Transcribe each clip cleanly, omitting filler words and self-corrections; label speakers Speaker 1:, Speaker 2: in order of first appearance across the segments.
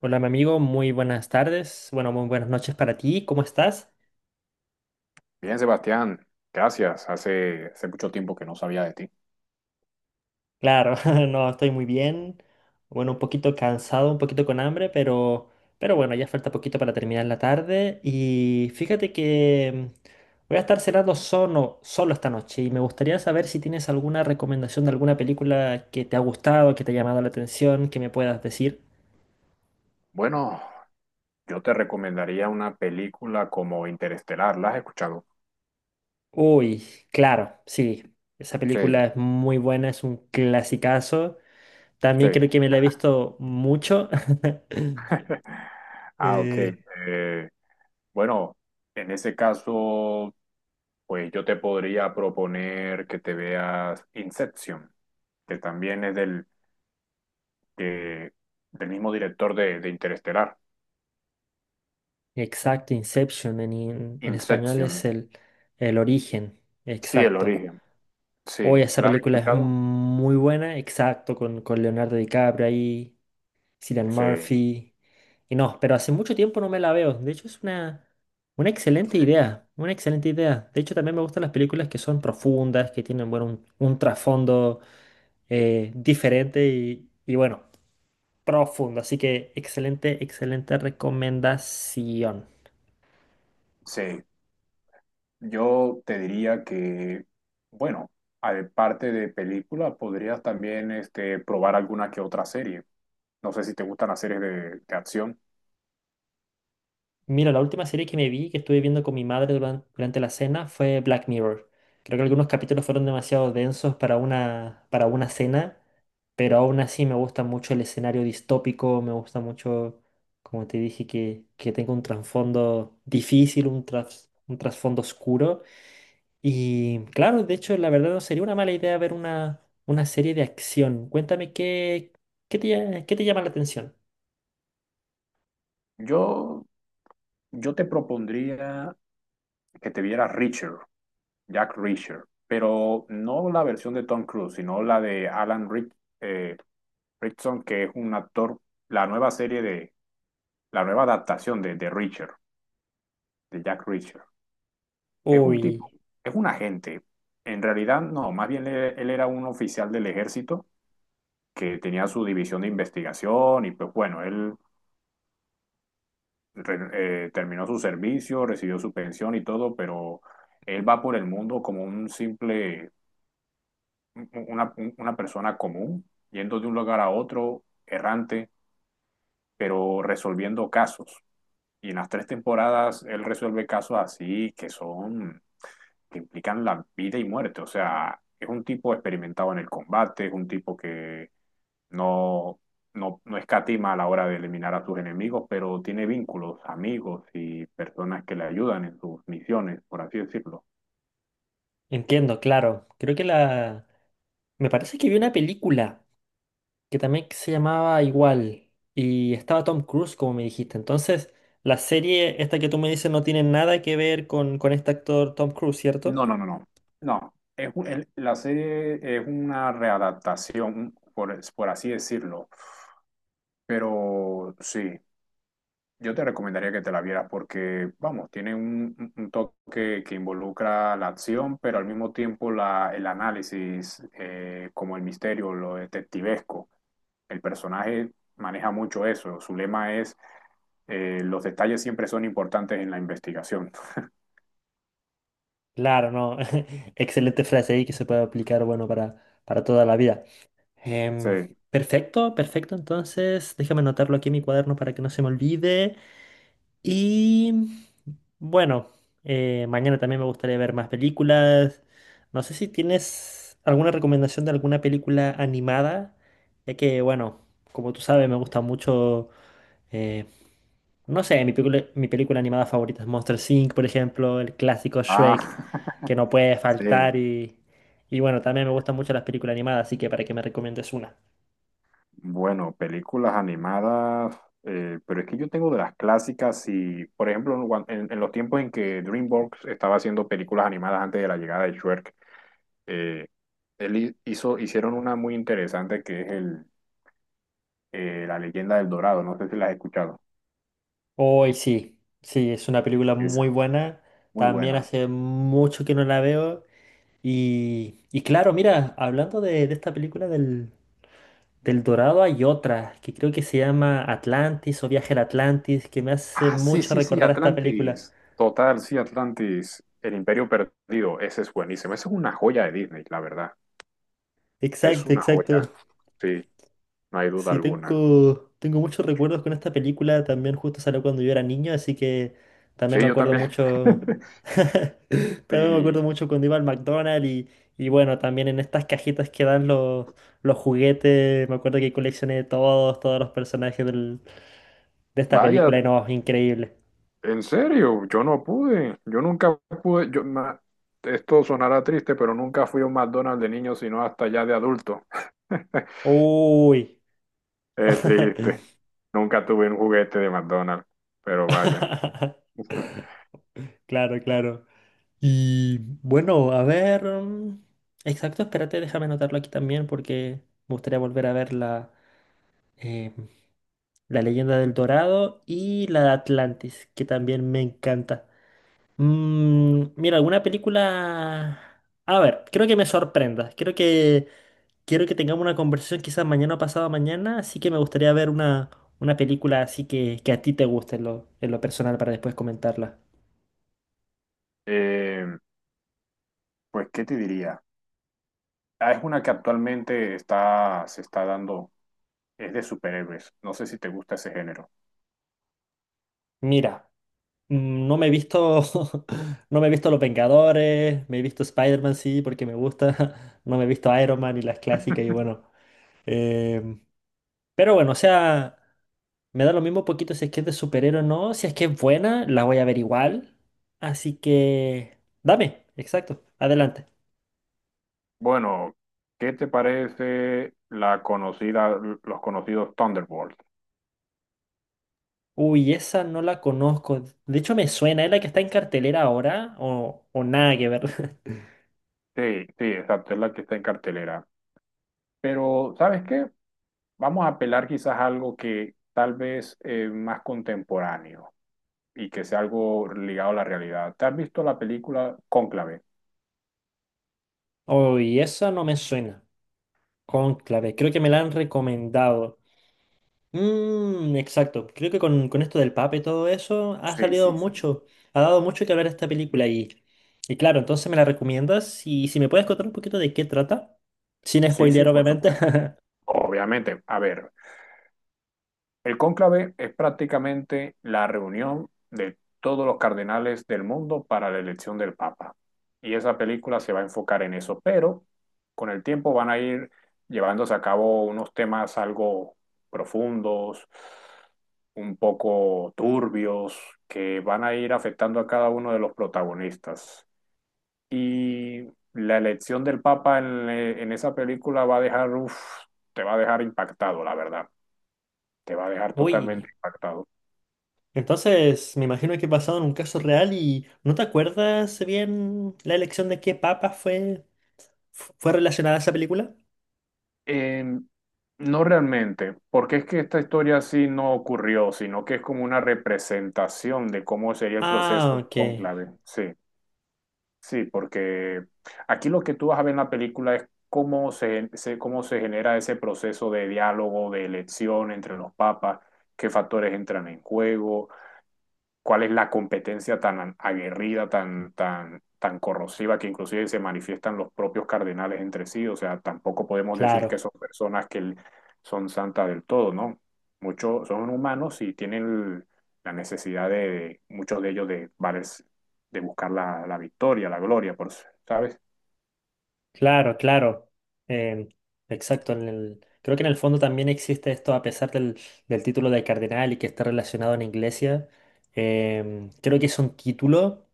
Speaker 1: Hola, mi amigo, muy buenas tardes. Bueno, muy buenas noches para ti. ¿Cómo estás?
Speaker 2: Bien, Sebastián, gracias. Hace mucho tiempo que no sabía de ti.
Speaker 1: Claro, no, estoy muy bien. Bueno, un poquito cansado, un poquito con hambre, pero bueno, ya falta poquito para terminar la tarde. Y fíjate que voy a estar cenando solo esta noche y me gustaría saber si tienes alguna recomendación de alguna película que te ha gustado, que te ha llamado la atención, que me puedas decir.
Speaker 2: Bueno, yo te recomendaría una película como Interestelar. ¿La has escuchado?
Speaker 1: Uy, claro, sí. Esa película
Speaker 2: Sí,
Speaker 1: es muy buena, es un clasicazo. También
Speaker 2: sí.
Speaker 1: creo que me la he visto mucho.
Speaker 2: Ah, ok.
Speaker 1: Eh,
Speaker 2: Eh, bueno, en ese caso, pues yo te podría proponer que te veas Inception, que también es del, que- del mismo director de Interestelar.
Speaker 1: exacto, Inception en español es
Speaker 2: Inception.
Speaker 1: el origen,
Speaker 2: Sí, el
Speaker 1: exacto.
Speaker 2: origen.
Speaker 1: Hoy
Speaker 2: Sí.
Speaker 1: esa
Speaker 2: ¿La has
Speaker 1: película es
Speaker 2: escuchado?
Speaker 1: muy buena, exacto, con Leonardo DiCaprio ahí. Cillian
Speaker 2: Sí.
Speaker 1: Murphy. Y no, pero hace mucho tiempo no me la veo. De hecho, es una excelente
Speaker 2: Sí.
Speaker 1: idea. Una excelente idea. De hecho, también me gustan las películas que son profundas, que tienen, bueno, un trasfondo diferente y, bueno, profundo. Así que excelente, excelente recomendación.
Speaker 2: Sí. Yo te diría que, bueno, aparte de películas, podrías también este, probar alguna que otra serie. No sé si te gustan las series de acción.
Speaker 1: Mira, la última serie que me vi, que estuve viendo con mi madre durante, la cena, fue Black Mirror. Creo que algunos capítulos fueron demasiado densos para para una cena. Pero aún así me gusta mucho el escenario distópico, me gusta mucho, como te dije, que tenga un trasfondo difícil, un trasfondo oscuro. Y claro, de hecho, la verdad no sería una mala idea ver una serie de acción. Cuéntame qué, qué te, lla- Qué te llama la atención.
Speaker 2: Yo, yo te propondría que te vieras Reacher, Jack Reacher, pero no la versión de Tom Cruise, sino la de Alan Rick, eh, Rickson, que es un actor, la nueva serie de, la nueva adaptación de Reacher, de Jack Reacher. Es un tipo,
Speaker 1: Uy,
Speaker 2: es un agente. En realidad, no, más bien él era un oficial del ejército que tenía su división de investigación y pues bueno, él terminó su servicio, recibió su pensión y todo, pero él va por el mundo como un simple, una persona común, yendo de un lugar a otro, errante, pero resolviendo casos. Y en las tres temporadas él resuelve casos así que son que implican la vida y muerte. O sea, es un tipo experimentado en el combate, es un tipo que no, no escatima a la hora de eliminar a sus enemigos, pero tiene vínculos, amigos y personas que le ayudan en sus misiones, por así decirlo.
Speaker 1: entiendo, claro. Creo que la... Me parece que vi una película. Que también se llamaba igual y estaba Tom Cruise, como me dijiste. Entonces, la serie esta que tú me dices no tiene nada que ver con este actor Tom Cruise, ¿cierto?
Speaker 2: No, no, no, no. No, es la serie es una readaptación, por así decirlo, pero sí. Yo te recomendaría que te la vieras porque, vamos, tiene un, un toque que involucra la acción, pero al mismo tiempo el análisis, como el misterio, lo detectivesco. El personaje maneja mucho eso. Su lema es, los detalles siempre son importantes en la investigación.
Speaker 1: Claro, no. Excelente frase ahí que se puede aplicar, bueno, para toda la vida.
Speaker 2: Sí.
Speaker 1: Em, perfecto, perfecto. Entonces, déjame anotarlo aquí en mi cuaderno para que no se me olvide. Y bueno, mañana también me gustaría ver más películas. No sé si tienes alguna recomendación de alguna película animada, ya que bueno, como tú sabes, me gusta mucho, eh, no sé, mi película animada favorita es Monster Inc., por ejemplo, el clásico
Speaker 2: Ah,
Speaker 1: Shrek, que no puede
Speaker 2: sí.
Speaker 1: y bueno, también me gustan mucho las películas animadas, así que para que me recomiendes una.
Speaker 2: Bueno, películas animadas, pero es que yo tengo de las clásicas y, por ejemplo, en los tiempos en que DreamWorks estaba haciendo películas animadas antes de la llegada de Shrek, eh, hizo, hicieron una muy interesante que es el, La leyenda del Dorado, no sé si la has escuchado,
Speaker 1: Hoy sí, sí, es una película
Speaker 2: es
Speaker 1: muy buena.
Speaker 2: muy
Speaker 1: También
Speaker 2: buena.
Speaker 1: hace mucho que no la veo. Y claro, mira, hablando de esta película del Dorado, hay otra que creo que se llama Atlantis o Viaje al Atlantis, que me hace
Speaker 2: Ah, sí,
Speaker 1: mucho
Speaker 2: sí, sí,
Speaker 1: recordar a esta película.
Speaker 2: Atlantis, total, sí, Atlantis, El Imperio Perdido, ese es buenísimo, esa es una joya de Disney, la verdad, es
Speaker 1: Exacto,
Speaker 2: una joya,
Speaker 1: exacto.
Speaker 2: sí, no hay duda
Speaker 1: Sí,
Speaker 2: alguna.
Speaker 1: tengo muchos recuerdos con esta película. También justo salió cuando yo era niño, así que también
Speaker 2: Sí,
Speaker 1: me
Speaker 2: yo
Speaker 1: acuerdo
Speaker 2: también.
Speaker 1: mucho. También me acuerdo
Speaker 2: Y
Speaker 1: mucho cuando iba al McDonald's y bueno, también en estas cajitas que dan los juguetes. Me acuerdo que coleccioné todos los personajes del de esta
Speaker 2: vaya,
Speaker 1: película y no, increíble.
Speaker 2: en serio, yo no pude. Yo nunca pude. Esto sonará triste, pero nunca fui a un McDonald's de niño, sino hasta ya de adulto.
Speaker 1: Uy.
Speaker 2: Es triste. Nunca tuve un juguete de McDonald's, pero vaya.
Speaker 1: Claro, claro. Y bueno, a ver. Exacto, espérate, déjame anotarlo aquí también porque me gustaría volver a ver eh, la leyenda del Dorado y la de Atlantis, que también me encanta. Mira, alguna película... A ver, creo que me sorprenda. Creo que quiero que tengamos una conversación quizás mañana o pasado mañana, así que me gustaría ver una película así que a ti te guste en en lo personal para después comentarla.
Speaker 2: Eh, pues, ¿qué te diría? Ah, es una que actualmente está, se está dando, es de superhéroes. No sé si te gusta ese género.
Speaker 1: Mira, no me he visto, no me he visto Los Vengadores, me he visto Spider-Man, sí, porque me gusta, no me he visto Iron Man y las clásicas y bueno. em, pero bueno, o sea, me da lo mismo poquito si es que es de superhéroe o no, si es que es buena, la voy a ver igual. Así que, dame, exacto, adelante.
Speaker 2: Bueno, ¿qué te parece la conocida, los conocidos Thunderbolts?
Speaker 1: Uy, esa no la conozco. De hecho, me suena. ¿Es la que está en cartelera ahora? O nada que ver.
Speaker 2: Sí, sí, exacto, es la que está en cartelera. Pero, ¿sabes qué? Vamos a apelar quizás a algo que tal vez más contemporáneo y que sea algo ligado a la realidad. ¿Te has visto la película Cónclave?
Speaker 1: Uy, esa no me suena. Cónclave, creo que me la han recomendado. Mmm, exacto. Creo que con esto del Papa y todo eso ha
Speaker 2: Sí,
Speaker 1: salido
Speaker 2: sí, sí.
Speaker 1: mucho. Ha dado mucho que hablar esta película. Y claro, entonces me la recomiendas. Y si me puedes contar un poquito de qué trata. Sin
Speaker 2: Sí, sí,
Speaker 1: spoilear,
Speaker 2: por
Speaker 1: obviamente.
Speaker 2: supuesto. Obviamente, a ver, el cónclave es prácticamente la reunión de todos los cardenales del mundo para la elección del Papa. Y esa película se va a enfocar en eso, pero con el tiempo van a ir llevándose a cabo unos temas algo profundos, un poco turbios, que van a ir afectando a cada uno de los protagonistas. Y la elección del Papa en esa película va a dejar, uf, te va a dejar impactado, la verdad te va a dejar
Speaker 1: Uy.
Speaker 2: totalmente impactado.
Speaker 1: Entonces, me imagino que he pasado en un caso real y ¿no te acuerdas bien la elección de qué papa fue relacionada a esa película?
Speaker 2: Eh, no realmente, porque es que esta historia así no ocurrió, sino que es como una representación de cómo sería el
Speaker 1: Ah,
Speaker 2: proceso del
Speaker 1: ok.
Speaker 2: cónclave. Sí, sí, porque aquí lo que tú vas a ver en la película es cómo cómo se genera ese proceso de diálogo, de elección entre los papas, qué factores entran en juego cuál es la competencia tan aguerrida, tan corrosiva que inclusive se manifiestan los propios cardenales entre sí. O sea, tampoco podemos decir que
Speaker 1: Claro,
Speaker 2: son personas que son santas del todo, ¿no? Muchos son humanos y tienen la necesidad de, muchos de ellos de, de buscar la, la victoria, la gloria, por, ¿sabes?
Speaker 1: claro, claro. Em, exacto. En el, creo que en el fondo también existe esto, a pesar del título de cardenal y que está relacionado en iglesia. Creo que es un título,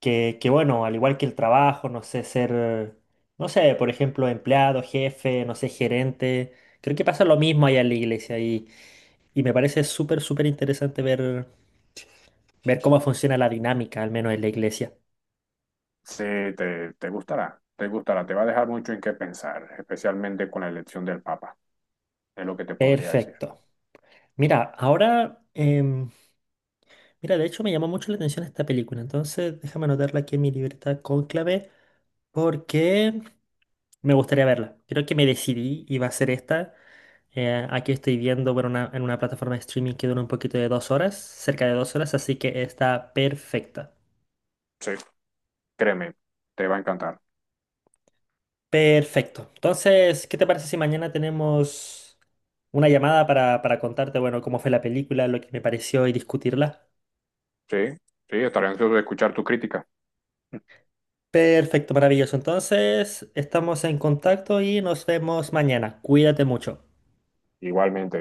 Speaker 1: que bueno, al igual que el trabajo, no sé, ser, no sé, por ejemplo, empleado, jefe, no sé, gerente, creo que pasa lo mismo allá en la iglesia y me parece súper, súper interesante ver cómo funciona la dinámica, al menos en la iglesia.
Speaker 2: Sí, te gustará, te gustará, te va a dejar mucho en qué pensar, especialmente con la elección del Papa, es lo que te podría decir.
Speaker 1: Perfecto. Mira, ahora... mira, de hecho me llamó mucho la atención esta película, entonces déjame anotarla aquí en mi libreta Cónclave porque me gustaría verla. Creo que me decidí y va a ser esta. Aquí estoy viendo bueno, una- en una plataforma de streaming que dura un poquito de 2 horas, cerca de 2 horas, así que está perfecta.
Speaker 2: Sí, créeme, te va a encantar.
Speaker 1: Perfecto. Entonces, ¿qué te parece si mañana tenemos una llamada para contarte, bueno, cómo fue la película, lo que me pareció y discutirla?
Speaker 2: Sí, sí, estaré ansioso de escuchar tu crítica.
Speaker 1: Perfecto, maravilloso. Entonces, estamos en contacto y nos vemos mañana. Cuídate mucho.
Speaker 2: Igualmente.